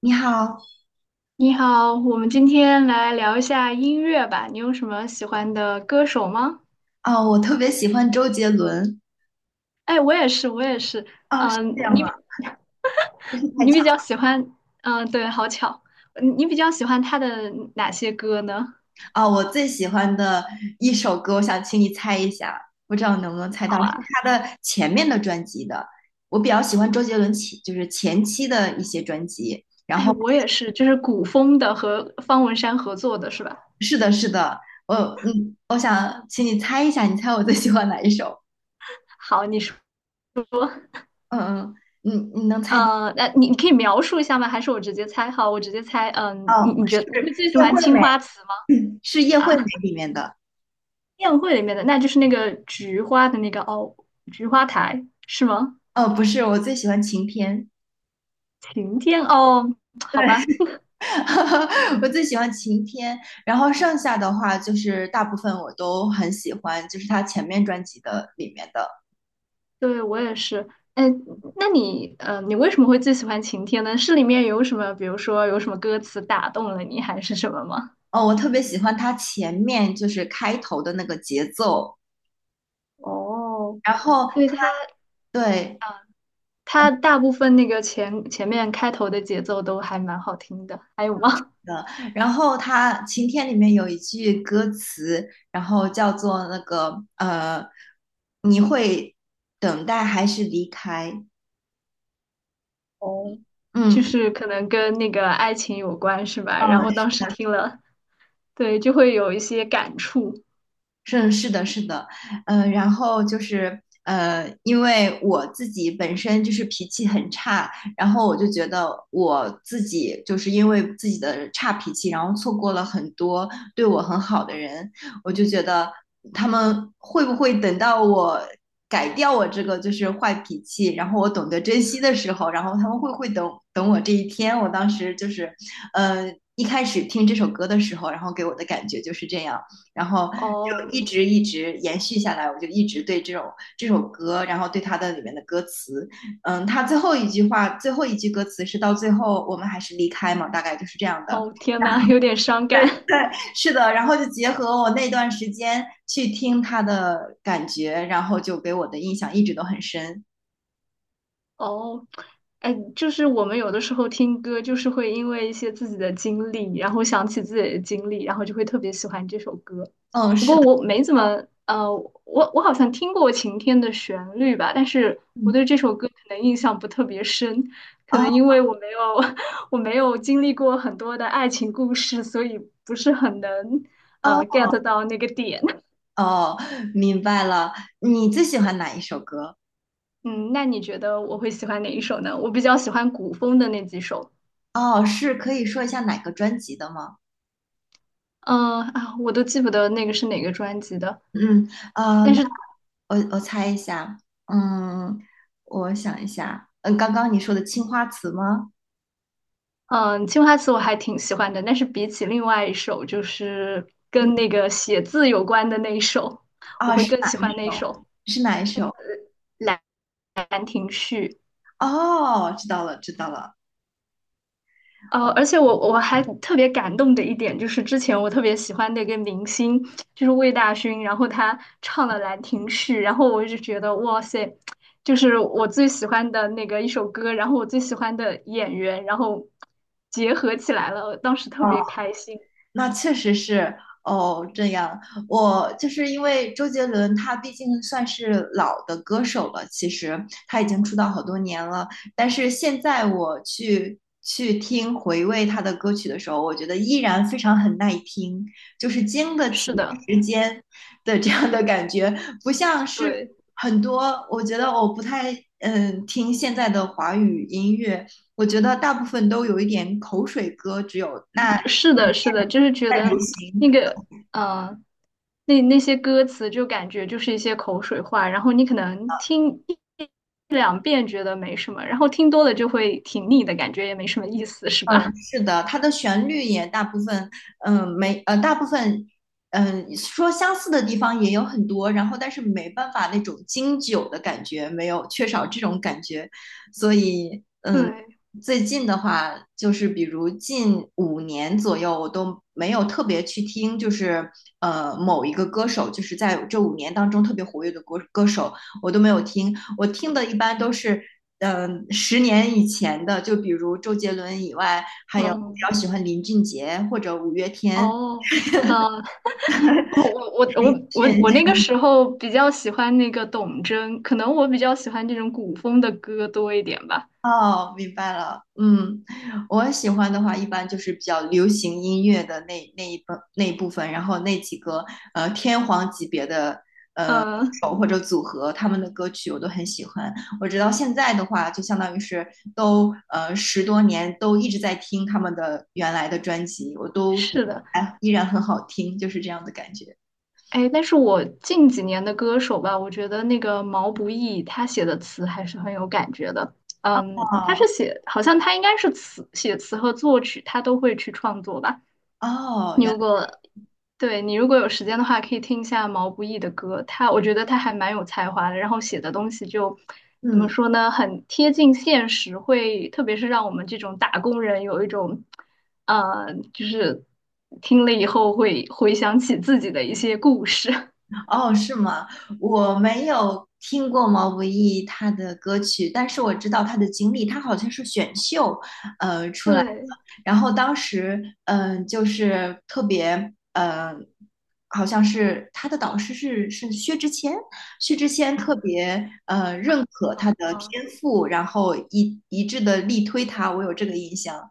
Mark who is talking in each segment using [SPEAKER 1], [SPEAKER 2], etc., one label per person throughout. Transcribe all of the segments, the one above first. [SPEAKER 1] 你好。
[SPEAKER 2] 你好，我们今天来聊一下音乐吧。你有什么喜欢的歌手吗？
[SPEAKER 1] 啊，我特别喜欢周杰伦。
[SPEAKER 2] 哎，我也是，我也是。
[SPEAKER 1] 啊，是
[SPEAKER 2] 嗯、
[SPEAKER 1] 这样
[SPEAKER 2] 你
[SPEAKER 1] 吗？
[SPEAKER 2] 比
[SPEAKER 1] 真是太
[SPEAKER 2] 你
[SPEAKER 1] 巧
[SPEAKER 2] 比较喜欢，嗯、对，好巧，你比较喜欢他的哪些歌呢？
[SPEAKER 1] 啊，我最喜欢的一首歌，我想请你猜一下，不知道能不能猜到，
[SPEAKER 2] 好
[SPEAKER 1] 是
[SPEAKER 2] 啊，
[SPEAKER 1] 他的前面的专辑的。我比较喜欢周杰伦前，就是前期的一些专辑。然
[SPEAKER 2] 哎，
[SPEAKER 1] 后，
[SPEAKER 2] 我也是，就是古风的和方文山合作的是吧？
[SPEAKER 1] 是的，是的，我我想请你猜一下，你猜我最喜欢哪一首？
[SPEAKER 2] 好，你说，
[SPEAKER 1] 嗯嗯，你你能猜到？
[SPEAKER 2] 那你可以描述一下吗？还是我直接猜？好，我直接猜。嗯、你
[SPEAKER 1] 哦，
[SPEAKER 2] 你觉
[SPEAKER 1] 是
[SPEAKER 2] 得你会最喜
[SPEAKER 1] 叶
[SPEAKER 2] 欢
[SPEAKER 1] 惠
[SPEAKER 2] 《青
[SPEAKER 1] 美，
[SPEAKER 2] 花瓷》
[SPEAKER 1] 是叶惠美里面的。
[SPEAKER 2] 宴会里面的，那就是那个菊花的那个哦，菊花台是吗？
[SPEAKER 1] 哦，不是，我最喜欢晴天。
[SPEAKER 2] 晴天哦，好
[SPEAKER 1] 对。
[SPEAKER 2] 吧，
[SPEAKER 1] 我最喜欢晴天，然后剩下的话就是大部分我都很喜欢，就是他前面专辑的里面的。
[SPEAKER 2] 对我也是。哎，那你你为什么会最喜欢晴天呢？是里面有什么，比如说有什么歌词打动了你，还是什么吗？
[SPEAKER 1] 哦，我特别喜欢他前面就是开头的那个节奏，
[SPEAKER 2] 哦，
[SPEAKER 1] 然后
[SPEAKER 2] 对它
[SPEAKER 1] 对
[SPEAKER 2] 啊，它大部分那个前面开头的节奏都还蛮好听的，还有吗？
[SPEAKER 1] 的，然后他晴天里面有一句歌词，然后叫做那个你会等待还是离开？
[SPEAKER 2] 哦，
[SPEAKER 1] 嗯，
[SPEAKER 2] 就是可能跟那个爱情有关是吧？然
[SPEAKER 1] 呃，
[SPEAKER 2] 后当时听了，对，就会有一些感触。
[SPEAKER 1] 是的，是的，然后就是因为我自己本身就是脾气很差，然后我就觉得我自己就是因为自己的差脾气，然后错过了很多对我很好的人，我就觉得他们会不会等到我改掉我这个就是坏脾气，然后我懂得珍惜的时候，然后他们会不会等等我这一天？我当时就是，呃，一开始听这首歌的时候，然后给我的感觉就是这样。然后就
[SPEAKER 2] 哦
[SPEAKER 1] 一直延续下来，我就一直对这首歌，然后对它的里面的歌词，它最后一句话，最后一句歌词是到最后我们还是离开嘛，大概就是这样的。
[SPEAKER 2] 哦，天呐，有点伤
[SPEAKER 1] 对
[SPEAKER 2] 感。
[SPEAKER 1] 对，是的。然后就结合我那段时间去听它的感觉，然后就给我的印象一直都很深。
[SPEAKER 2] 哦，哎，就是我们有的时候听歌，就是会因为一些自己的经历，然后想起自己的经历，然后就会特别喜欢这首歌。
[SPEAKER 1] 嗯，
[SPEAKER 2] 不
[SPEAKER 1] 是的。
[SPEAKER 2] 过我没怎么，我好像听过《晴天》的旋律吧，但是我
[SPEAKER 1] 嗯，
[SPEAKER 2] 对这首歌可能印象不特别深，可能
[SPEAKER 1] 哦
[SPEAKER 2] 因为我没有 我没有经历过很多的爱情故事，所以不是很能
[SPEAKER 1] 哦
[SPEAKER 2] get 到那个点。
[SPEAKER 1] 哦，明白了。你最喜欢哪一首歌？
[SPEAKER 2] 嗯，那你觉得我会喜欢哪一首呢？我比较喜欢古风的那几首，
[SPEAKER 1] 哦，是可以说一下哪个专辑的吗？
[SPEAKER 2] 嗯啊，我都记不得那个是哪个专辑的，
[SPEAKER 1] 嗯，
[SPEAKER 2] 但
[SPEAKER 1] 那。
[SPEAKER 2] 是
[SPEAKER 1] 我猜一下，嗯，我想一下，刚刚你说的《青花瓷》吗？
[SPEAKER 2] 嗯，青花瓷我还挺喜欢的，但是比起另外一首，就是
[SPEAKER 1] 嗯，
[SPEAKER 2] 跟那个写字有关的那一首，我
[SPEAKER 1] 啊，
[SPEAKER 2] 会
[SPEAKER 1] 是
[SPEAKER 2] 更喜
[SPEAKER 1] 哪一
[SPEAKER 2] 欢那一
[SPEAKER 1] 首？
[SPEAKER 2] 首
[SPEAKER 1] 是哪一首？
[SPEAKER 2] 《兰亭序》。
[SPEAKER 1] 哦，知道了，知道了。
[SPEAKER 2] 呃，而且我还特别感动的一点就是，之前我特别喜欢的一个明星就是魏大勋，然后他唱了《兰亭序》，然后我就觉得哇塞，就是我最喜欢的那个一首歌，然后我最喜欢的演员，然后结合起来了，我当时特别开心。
[SPEAKER 1] 那确实是哦，这样。我就是因为周杰伦，他毕竟算是老的歌手了，其实他已经出道好多年了。但是现在我去听回味他的歌曲的时候，我觉得依然非常很耐听，就是经得起
[SPEAKER 2] 是的，
[SPEAKER 1] 时间的这样的感觉，不像是
[SPEAKER 2] 对，
[SPEAKER 1] 很多。我觉得我不太听现在的华语音乐，我觉得大部分都有一点口水歌，只有那。
[SPEAKER 2] 是的，是的，就是觉
[SPEAKER 1] 在
[SPEAKER 2] 得
[SPEAKER 1] 流
[SPEAKER 2] 那
[SPEAKER 1] 行
[SPEAKER 2] 个，呃，那那些歌词就感觉就是一些口水话，然后你可能听。两遍觉得没什么，然后听多了就会挺腻的感觉，也没什么意思，是
[SPEAKER 1] 嗯，
[SPEAKER 2] 吧？
[SPEAKER 1] 是的，它的旋律也大部分，没，大部分，说相似的地方也有很多，然后但是没办法那种经久的感觉，没有缺少这种感觉，所以
[SPEAKER 2] 对，
[SPEAKER 1] 最近的话，就是比如近五年左右，我都没有特别去听，就是某一个歌手，就是在这五年当中特别活跃的歌手，我都没有听。我听的一般都是，10年以前的，就比如周杰伦以外，还有我比
[SPEAKER 2] 嗯，
[SPEAKER 1] 较喜欢林俊杰或者五月天。
[SPEAKER 2] 哦，呃，我我我我我
[SPEAKER 1] 炫
[SPEAKER 2] 我那个时候比较喜欢那个董贞，可能我比较喜欢这种古风的歌多一点吧。
[SPEAKER 1] 哦，明白了。嗯，我喜欢的话，一般就是比较流行音乐的那一部分，然后那几个天皇级别的
[SPEAKER 2] 嗯，
[SPEAKER 1] 手或者组合他们的歌曲我都很喜欢。我直到现在的话，就相当于是都10多年都一直在听他们的原来的专辑，我都觉得
[SPEAKER 2] 是的，
[SPEAKER 1] 哎依然很好听，就是这样的感觉。
[SPEAKER 2] 哎，但是我近几年的歌手吧，我觉得那个毛不易他写的词还是很有感觉的。嗯，他
[SPEAKER 1] 哦
[SPEAKER 2] 是写，好像他应该是词写词和作曲，他都会去创作吧。
[SPEAKER 1] 哦，
[SPEAKER 2] 你
[SPEAKER 1] 原
[SPEAKER 2] 如
[SPEAKER 1] 来
[SPEAKER 2] 果对你如果有时间的话，可以听一下毛不易的歌，他我觉得他还蛮有才华的，然后写的东西就怎么
[SPEAKER 1] 嗯
[SPEAKER 2] 说呢，很贴近现实，会特别是让我们这种打工人有一种，就是听了以后会回想起自己的一些故事。
[SPEAKER 1] 哦是吗？我没有听过毛不易他的歌曲，但是我知道他的经历，他好像是选秀，
[SPEAKER 2] 对，
[SPEAKER 1] 然后当时，嗯，就是特别，好像是他的导师是薛之谦，薛之谦特别认可他的
[SPEAKER 2] 嗯，
[SPEAKER 1] 天赋，然后一致的力推他，我有这个印象。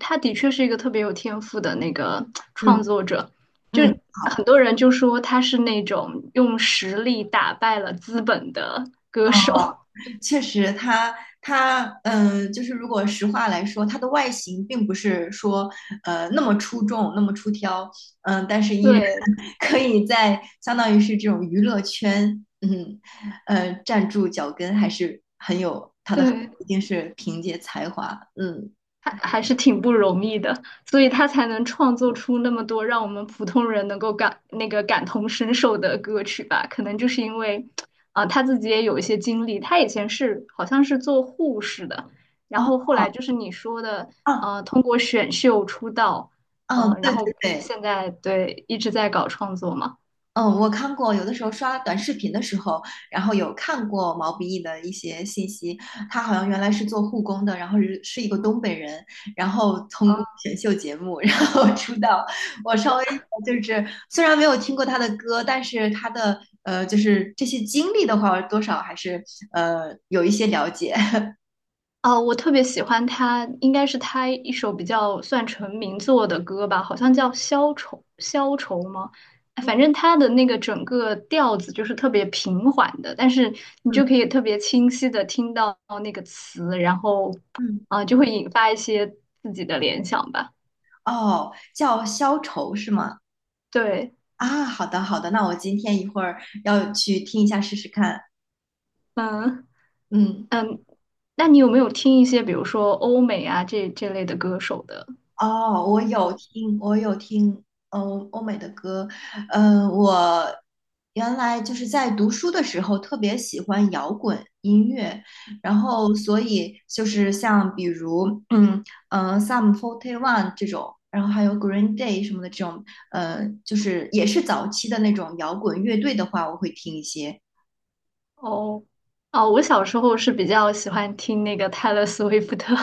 [SPEAKER 2] 他的确是一个特别有天赋的那个创
[SPEAKER 1] 嗯
[SPEAKER 2] 作者，就
[SPEAKER 1] 嗯，好。
[SPEAKER 2] 很多人就说他是那种用实力打败了资本的歌手。
[SPEAKER 1] 确实它就是如果实话来说，它的外形并不是说那么出众、那么出挑，嗯，但是依然
[SPEAKER 2] 对
[SPEAKER 1] 可以在相当于是这种娱乐圈，嗯，站住脚跟，还是很有它的，
[SPEAKER 2] 对，
[SPEAKER 1] 一定是凭借才华，嗯，
[SPEAKER 2] 还还是挺不容易的，所以他才能创作出那么多让我们普通人能够感那个感同身受的歌曲吧。可能就是因为，啊、他自己也有一些经历，他以前是好像是做护士的，然
[SPEAKER 1] 哦，
[SPEAKER 2] 后后来就是你说的，
[SPEAKER 1] 哦
[SPEAKER 2] 通过选秀出道，
[SPEAKER 1] 哦，
[SPEAKER 2] 嗯、然
[SPEAKER 1] 对对
[SPEAKER 2] 后
[SPEAKER 1] 对。
[SPEAKER 2] 现在对一直在搞创作嘛。
[SPEAKER 1] 嗯，我看过，有的时候刷短视频的时候，然后有看过毛不易的一些信息。他好像原来是做护工的，然后是一个东北人，然后通过选秀节目，然后 出道。我稍微就是虽然没有听过他的歌，但是他的就是这些经历的话，多少还是有一些了解。
[SPEAKER 2] 哦，我特别喜欢他，应该是他一首比较算成名作的歌吧，好像叫《消愁》，消愁吗？哎反
[SPEAKER 1] 嗯
[SPEAKER 2] 正他的那个整个调子就是特别平缓的，但是你就
[SPEAKER 1] 嗯
[SPEAKER 2] 可以特别清晰的听到那个词，然后
[SPEAKER 1] 嗯，
[SPEAKER 2] 啊、就会引发一些自己的联想吧。
[SPEAKER 1] 哦，叫消愁是吗？
[SPEAKER 2] 对，
[SPEAKER 1] 啊，好的好的，那我今天一会儿要去听一下试试看。
[SPEAKER 2] 嗯
[SPEAKER 1] 嗯。
[SPEAKER 2] 嗯，那你有没有听一些比如说欧美啊这这类的歌手的？
[SPEAKER 1] 哦，我有听，我有听，嗯，欧美的歌，我原来就是在读书的时候特别喜欢摇滚音乐，然后所以就是像比如，Sum 41 这种，然后还有 Green Day 什么的这种，就是也是早期的那种摇滚乐队的话，我会听一些。
[SPEAKER 2] 哦哦，我小时候是比较喜欢听那个泰勒·斯威夫特，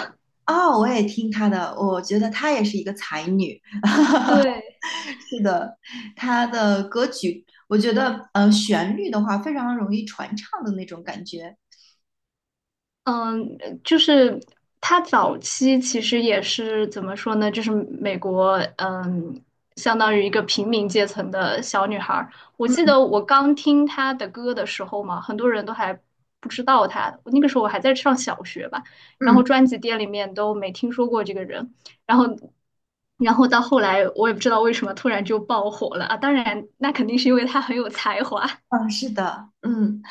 [SPEAKER 1] 哦，我也听她的，我觉得她也是一个才女。
[SPEAKER 2] 对。
[SPEAKER 1] 是的，他的歌曲，我觉得旋律的话非常容易传唱的那种感觉。
[SPEAKER 2] 嗯，她早期其实也是怎么说呢？就是美国，嗯，相当于一个平民阶层的小女孩儿。我记
[SPEAKER 1] 嗯
[SPEAKER 2] 得我刚听她的歌的时候嘛，很多人都还不知道她。那个时候我还在上小学吧，然后
[SPEAKER 1] 嗯
[SPEAKER 2] 专辑店里面都没听说过这个人。然后，然后到后来，我也不知道为什么突然就爆火了啊！当然，那肯定是因为她很有才华
[SPEAKER 1] 嗯，是的，嗯，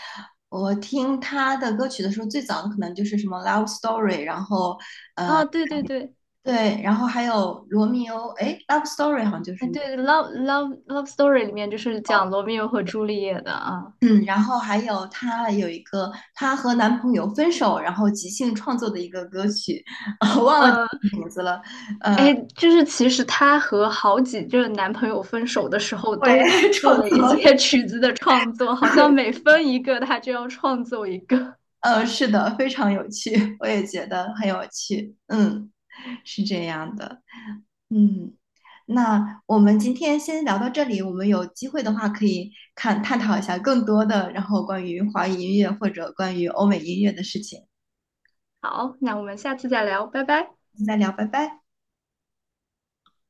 [SPEAKER 1] 我听他的歌曲的时候，最早的可能就是什么《Love Story》，然后
[SPEAKER 2] 啊 对对对。
[SPEAKER 1] 对，然后还有《罗密欧》，哎，《Love Story》好像就
[SPEAKER 2] 哎，
[SPEAKER 1] 是那个，
[SPEAKER 2] 对，Love Story 里面就是讲罗密欧和朱丽叶的啊。
[SPEAKER 1] 嗯，然后还有她有一个她和男朋友分手，然后即兴创作的一个歌曲，我忘了
[SPEAKER 2] 呃，
[SPEAKER 1] 名字了，呃，
[SPEAKER 2] 哎，就是其实她和好几任男朋友分手的时候，
[SPEAKER 1] 会
[SPEAKER 2] 都
[SPEAKER 1] 创
[SPEAKER 2] 做了一
[SPEAKER 1] 作。
[SPEAKER 2] 些 曲子的创作，好像每分一个，她就要创作一个。
[SPEAKER 1] 是的，非常有趣，我也觉得很有趣。嗯，是这样的。嗯，那我们今天先聊到这里，我们有机会的话可以看探讨一下更多的，然后关于华语音乐或者关于欧美音乐的事情，
[SPEAKER 2] 好，那我们下次再聊，拜拜。
[SPEAKER 1] 再聊，拜拜。